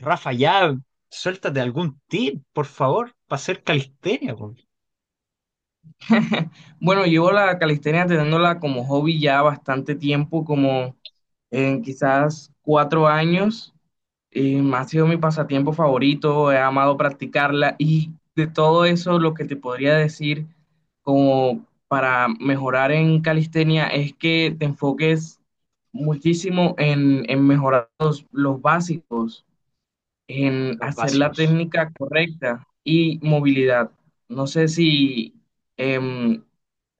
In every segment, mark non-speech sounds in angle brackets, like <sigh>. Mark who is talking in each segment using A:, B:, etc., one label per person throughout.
A: Rafa, ya suéltate algún tip, por favor, para hacer calistenia, po,
B: <laughs> Bueno, llevo la calistenia teniéndola como hobby ya bastante tiempo, como en quizás 4 años. Ha sido mi pasatiempo favorito, he amado practicarla y de todo eso lo que te podría decir como para mejorar en calistenia es que te enfoques muchísimo en mejorar los básicos en
A: los
B: hacer la
A: básicos.
B: técnica correcta y movilidad. No sé si em,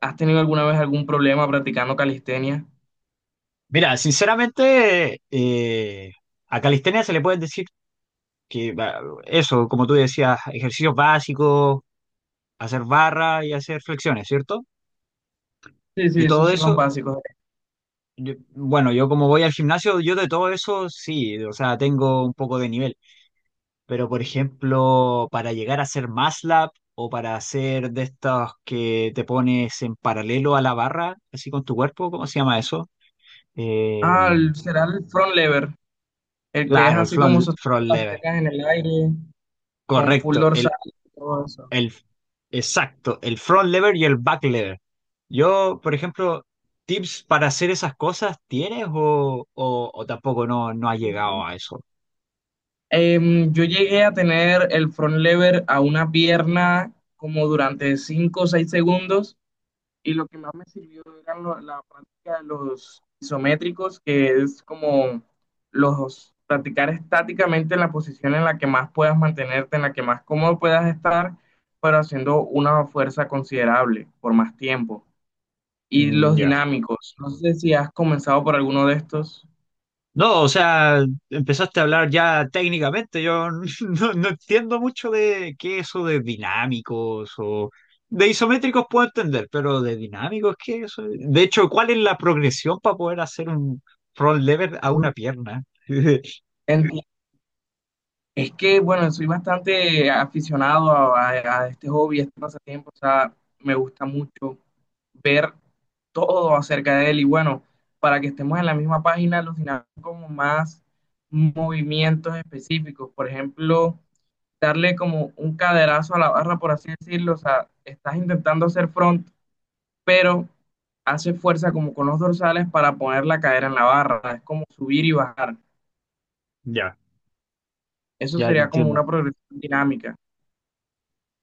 B: has tenido alguna vez algún problema practicando calistenia.
A: Mira, sinceramente, a calistenia se le puede decir que va, eso, como tú decías, ejercicios básicos, hacer barra y hacer flexiones, ¿cierto?
B: Sí,
A: Yo
B: sí,
A: todo
B: esos son
A: eso,
B: los básicos.
A: bueno, yo como voy al gimnasio, yo de todo eso sí, o sea, tengo un poco de nivel. Pero, por ejemplo, para llegar a ser MATLAB o para hacer de estos que te pones en paralelo a la barra, así con tu cuerpo, ¿cómo se llama eso? Eh,
B: Ah, será el front lever, el que es
A: claro, el
B: así como
A: front,
B: sosteniendo
A: front
B: las
A: lever.
B: piernas en el aire, con full
A: Correcto,
B: dorsal y todo eso.
A: el, exacto, el front lever y el back lever. Yo, por ejemplo, ¿tips para hacer esas cosas tienes o tampoco no has
B: Sí,
A: llegado
B: sí.
A: a eso?
B: Yo llegué a tener el front lever a una pierna como durante 5 o 6 segundos y lo que más me sirvió era la práctica de los isométricos, que es como los practicar estáticamente en la posición en la que más puedas mantenerte, en la que más cómodo puedas estar, pero haciendo una fuerza considerable por más tiempo. Y
A: Mm,
B: los
A: ya.
B: dinámicos, no sé si has comenzado por alguno de estos.
A: No, o sea, empezaste a hablar ya técnicamente. Yo <laughs> no entiendo mucho de qué eso de dinámicos o de isométricos puedo entender, pero de dinámicos, ¿qué es eso? De hecho, ¿cuál es la progresión para poder hacer un front lever a una pierna? <laughs>
B: Entiendo. Es que, bueno, soy bastante aficionado a este hobby, a este pasatiempo, o sea, me gusta mucho ver todo acerca de él y bueno, para que estemos en la misma página, los dinámicos como más movimientos específicos, por ejemplo, darle como un caderazo a la barra, por así decirlo, o sea, estás intentando hacer front, pero haces fuerza como con los dorsales para poner la cadera en la barra, es como subir y bajar,
A: Ya,
B: eso
A: ya te
B: sería como
A: entiendo.
B: una progresión dinámica.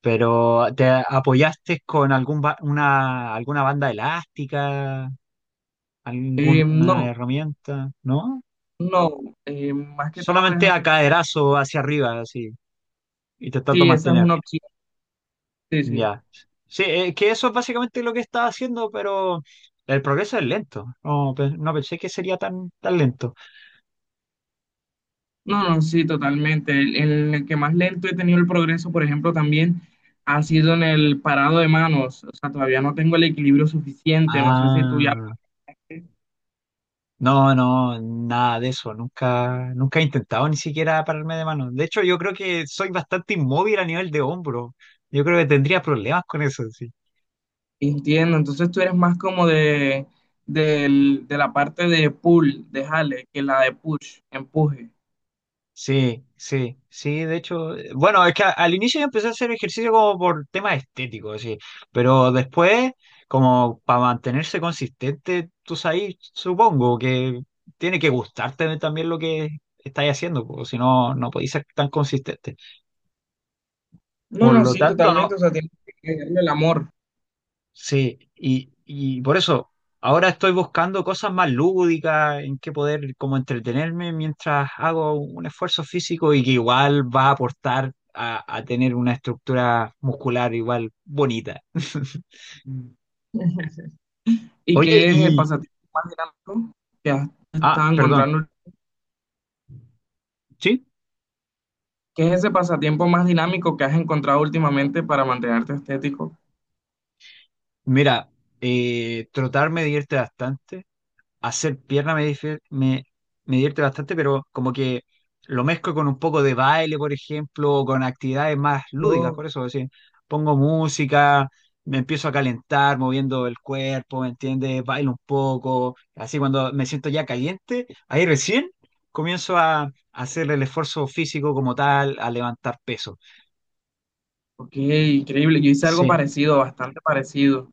A: Pero ¿te apoyaste con una, alguna banda elástica, alguna
B: No.
A: herramienta? ¿No?
B: No, más que todo es
A: Solamente a
B: hacer como,
A: caderazo hacia arriba, así, y te trato de
B: sí, esa es
A: mantener.
B: una opción, sí, sí.
A: Ya. Sí, que eso es básicamente lo que estaba haciendo, pero el progreso es lento. No, no pensé que sería tan, tan lento.
B: No, no, sí, totalmente. El en el que más lento he tenido el progreso, por ejemplo, también ha sido en el parado de manos. O sea, todavía no tengo el equilibrio suficiente, no sé si tú ya.
A: Ah, no, no, nada de eso. Nunca, nunca he intentado ni siquiera pararme de mano. De hecho, yo creo que soy bastante inmóvil a nivel de hombro. Yo creo que tendría problemas con eso, sí.
B: Entiendo. Entonces tú eres más como de la parte de pull, de jale, que la de push, empuje.
A: Sí, sí, sí, de hecho, bueno, es que al inicio yo empecé a hacer ejercicio como por temas estéticos, sí, pero después, como para mantenerse consistente, tú sabes, supongo que tiene que gustarte también lo que estás haciendo, porque si no, no podéis ser tan consistente.
B: No,
A: Por
B: no,
A: lo
B: sí,
A: tanto.
B: totalmente. O sea, tienes que darle el amor.
A: Sí, y por eso ahora estoy buscando cosas más lúdicas en que poder como entretenerme mientras hago un esfuerzo físico y que igual va a aportar a tener una estructura muscular igual bonita. <laughs>
B: ¿Y
A: Oye,
B: que es el
A: y...
B: pasatiempo más dinámico que has
A: Ah,
B: estado
A: perdón.
B: encontrando?
A: Sí,
B: ¿Qué es ese pasatiempo más dinámico que has encontrado últimamente para mantenerte estético?
A: mira, trotar me divierte bastante. Hacer pierna me divierte bastante, pero como que lo mezclo con un poco de baile, por ejemplo, o con actividades más lúdicas,
B: Oh,
A: por eso, es decir, pongo música, me empiezo a calentar moviendo el cuerpo, ¿me entiendes? Bailo un poco, así cuando me siento ya caliente, ahí recién comienzo a hacer el esfuerzo físico como tal, a levantar peso.
B: ok, increíble. Yo hice algo
A: Sí,
B: parecido, bastante parecido,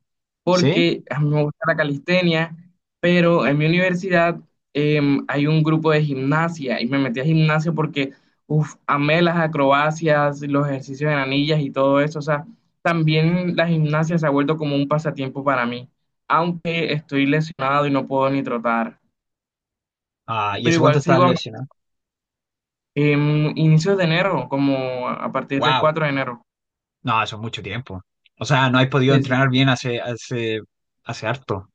A: sí.
B: porque a mí me gusta la calistenia, pero en mi universidad hay un grupo de gimnasia y me metí a gimnasia porque, uff, amé las acrobacias, los ejercicios en anillas y todo eso. O sea, también la gimnasia se ha vuelto como un pasatiempo para mí, aunque estoy lesionado y no puedo ni trotar,
A: Ah, ¿y
B: pero
A: hace cuánto
B: igual
A: estás
B: sigo.
A: lesionado?
B: Em, inicios de enero, como a partir del
A: Wow.
B: 4 de enero.
A: No, eso es mucho tiempo. O sea, no has podido
B: Sí, sí.
A: entrenar bien hace, hace harto.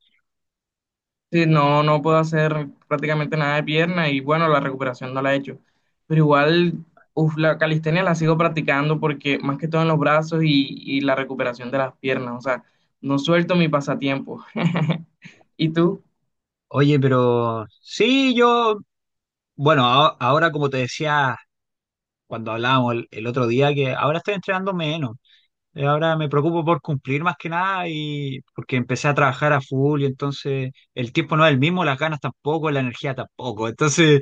B: Sí, no, no puedo hacer prácticamente nada de pierna y bueno, la recuperación no la he hecho. Pero igual, uf, la calistenia la sigo practicando porque más que todo en los brazos y la recuperación de las piernas. O sea, no suelto mi pasatiempo. <laughs> ¿Y tú?
A: Oye, pero sí, yo, bueno, ahora como te decía cuando hablábamos el otro día, que ahora estoy entrenando menos. Ahora me preocupo por cumplir más que nada y porque empecé a trabajar a full y entonces el tiempo no es el mismo, las ganas tampoco, la energía tampoco. Entonces,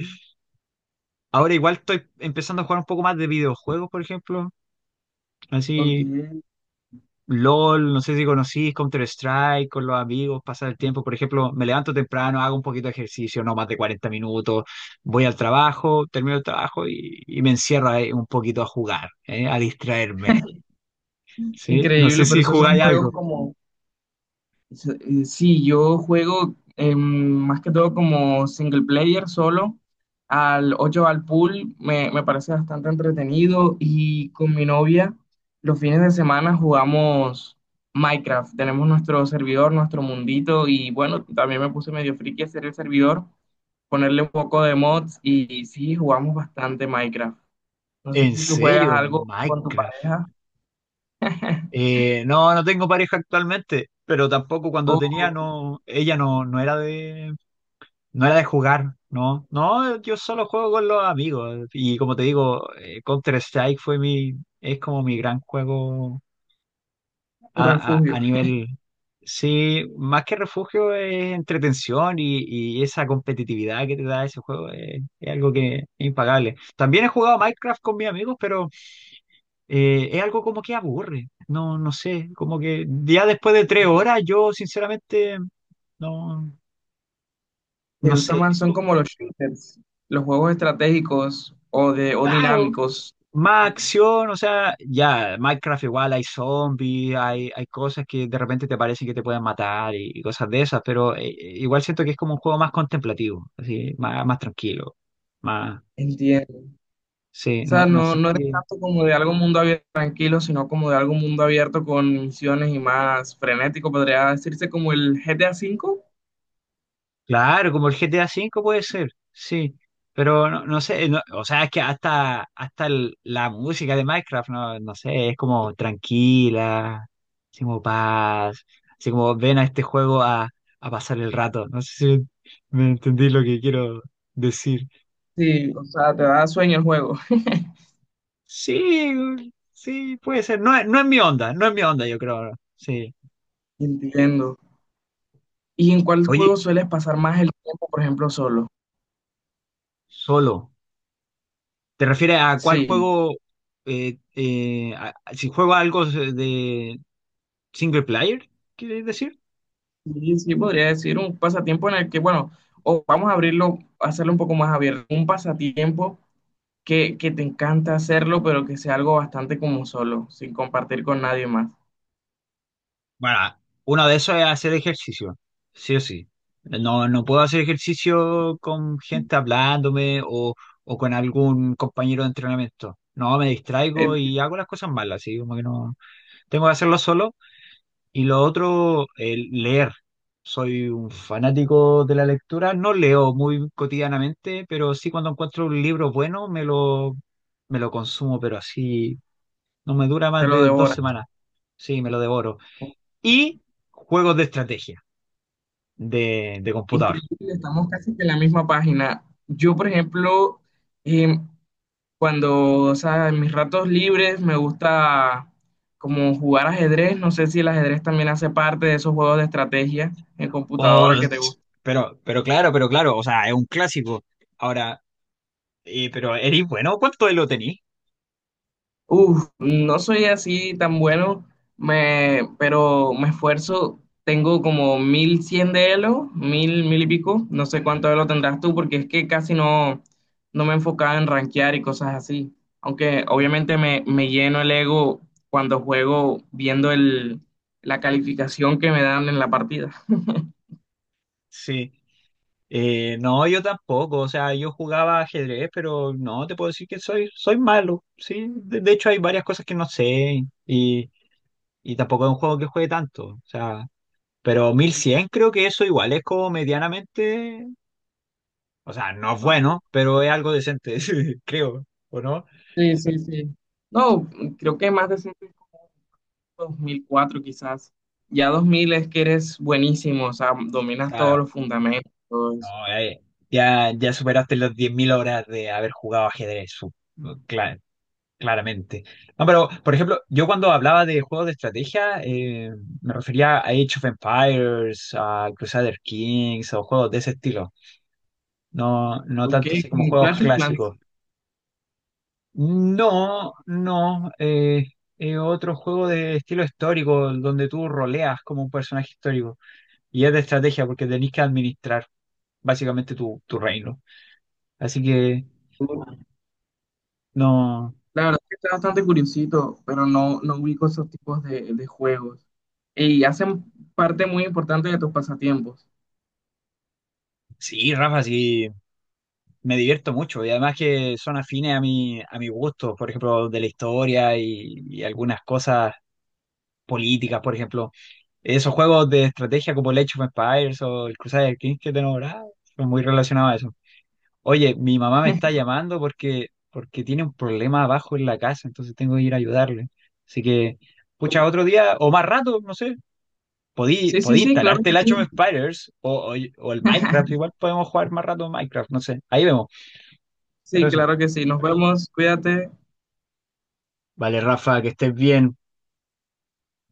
A: ahora igual estoy empezando a jugar un poco más de videojuegos, por ejemplo.
B: Ok.
A: Así LOL, no sé si conocís Counter-Strike con los amigos, pasar el tiempo. Por ejemplo, me levanto temprano, hago un poquito de ejercicio, no más de 40 minutos, voy al trabajo, termino el trabajo y me encierro ahí un poquito a jugar, ¿eh? A distraerme. ¿Sí? No sé
B: Increíble, pero
A: si
B: esos son
A: jugáis
B: juegos
A: algo.
B: como, Sí, yo juego más que todo como single player solo. Al 8 al pool me parece bastante entretenido y con mi novia los fines de semana jugamos Minecraft. Tenemos nuestro servidor, nuestro mundito y bueno, también me puse medio friki a hacer el servidor, ponerle un poco de mods y, sí, jugamos bastante Minecraft. No sé
A: ¿En
B: si tú juegas
A: serio?
B: algo con tu
A: Minecraft.
B: pareja. <laughs>
A: No, no tengo pareja actualmente, pero tampoco cuando tenía,
B: O
A: no, ella no era de, no era de jugar, no. No, yo solo juego con los amigos. Y como te digo, Counter-Strike fue mi, es como mi gran juego
B: tu
A: a
B: refugio.
A: nivel, sí, más que refugio es entretención y esa competitividad que te da ese juego es algo que es impagable. También he jugado Minecraft con mis amigos, pero es algo como que aburre. No, no sé, como que ya después de 3 horas yo sinceramente no, no
B: ¿Te gustan
A: sé.
B: más? Son como los shooters, los juegos estratégicos o
A: Claro,
B: dinámicos.
A: más acción, o sea, ya, Minecraft igual hay zombies, hay cosas que de repente te parecen que te pueden matar y cosas de esas, pero igual siento que es como un juego más contemplativo, así, más, más tranquilo, más,
B: Entiendo.
A: sí,
B: O
A: no,
B: sea,
A: no
B: no,
A: sé
B: no eres tanto como de algo mundo abierto tranquilo, sino como de algo mundo abierto con misiones y más frenético, podría decirse como el GTA V.
A: Claro, como el GTA V puede ser, sí. Pero no, no sé, o sea, es que hasta, la música de Minecraft, no, no sé, es como tranquila, así como paz, así como ven a este juego a pasar el rato. No sé si me entendí lo que quiero decir.
B: Sí, o sea, te da sueño el juego. <laughs>
A: Sí, sí, puede ser. No, no es mi onda, no es mi onda, yo creo. Sí.
B: Entiendo. ¿Y en cuál juego
A: Oye,
B: sueles pasar más el tiempo, por ejemplo, solo?
A: solo. ¿Te refieres a cuál
B: Sí,
A: juego? Si juego algo de, ¿single player? ¿Quieres decir?
B: sí, sí, podría decir un pasatiempo en el que, bueno, o vamos a abrirlo, hacerlo un poco más abierto, un pasatiempo que te encanta hacerlo, pero que sea algo bastante como solo, sin compartir con nadie más.
A: Bueno, uno de esos es hacer ejercicio, sí o sí. No, no puedo hacer ejercicio con gente hablándome o con algún compañero de entrenamiento. No, me
B: Eh,
A: distraigo y hago las cosas malas, así como que no. Tengo que hacerlo solo. Y lo otro, el leer. Soy un fanático de la lectura. No leo muy cotidianamente, pero sí cuando encuentro un libro bueno me lo consumo, pero así no me dura
B: te
A: más
B: lo
A: de dos
B: devoras.
A: semanas. Sí, me lo devoro. Y juegos de estrategia de computador.
B: Increíble, estamos casi que en la misma página. Yo, por ejemplo, em, o sea, en mis ratos libres me gusta como jugar ajedrez. No sé si el ajedrez también hace parte de esos juegos de estrategia en
A: O-
B: computadora que te gustan.
A: pero claro, pero claro, o sea, es un clásico. Ahora, pero eres bueno, ¿cuánto de lo tenís?
B: Uf, no soy así tan bueno, pero me esfuerzo. Tengo como 1100 de Elo, 1000 1000 y pico. No sé cuánto Elo tendrás tú, porque es que casi no me enfocaba en rankear y cosas así. Aunque obviamente me lleno el ego cuando juego viendo la calificación que me dan en la partida.
A: Sí. No, yo tampoco. O sea, yo jugaba ajedrez, pero no te puedo decir que soy malo. Sí, de hecho hay varias cosas que no sé y tampoco es un juego que juegue tanto. O sea, pero 1.100 creo que eso igual es como medianamente, o sea, no es
B: O sea,
A: bueno, pero es algo decente, <laughs> creo, ¿o no?
B: sí, sí, sí. No, creo que más de 100, 2004 quizás. Ya 2000 es que eres buenísimo, o sea, dominas todos
A: Claro,
B: los fundamentos, todo eso.
A: no, ya, ya superaste las 10.000 horas de haber jugado ajedrez, cla- claramente. No, pero, por ejemplo, yo cuando hablaba de juegos de estrategia, me refería a Age of Empires, a Crusader Kings, o juegos de ese estilo. No, no
B: Ok,
A: tanto así como
B: como
A: juegos
B: Clash of Clans.
A: clásicos. No, no, otro juego de estilo histórico, donde tú roleas como un personaje histórico. Y es de estrategia porque tenés que administrar básicamente tu reino. Así que, no.
B: La verdad que está bastante curiosito, pero no, no ubico esos tipos de juegos. Y hacen parte muy importante de tus pasatiempos.
A: Sí, Rafa, sí, me divierto mucho. Y además que son afines a mi gusto, por ejemplo, de la historia y algunas cosas políticas, por ejemplo. Esos juegos de estrategia como el Age of Empires o el Crusader Kings que te nombraba, son muy relacionados a eso. Oye, mi mamá me está
B: <laughs>
A: llamando porque tiene un problema abajo en la casa, entonces tengo que ir a ayudarle. Así que, pucha, otro día o más rato, no sé. podí,
B: Sí, sí,
A: podí
B: sí, claro
A: instalarte
B: que
A: el Age of
B: sí.
A: Spiders o el Minecraft, igual podemos jugar más rato Minecraft, no sé, ahí vemos, pero
B: Sí,
A: eso.
B: claro que sí. Nos vemos, cuídate.
A: Vale, Rafa, que estés bien.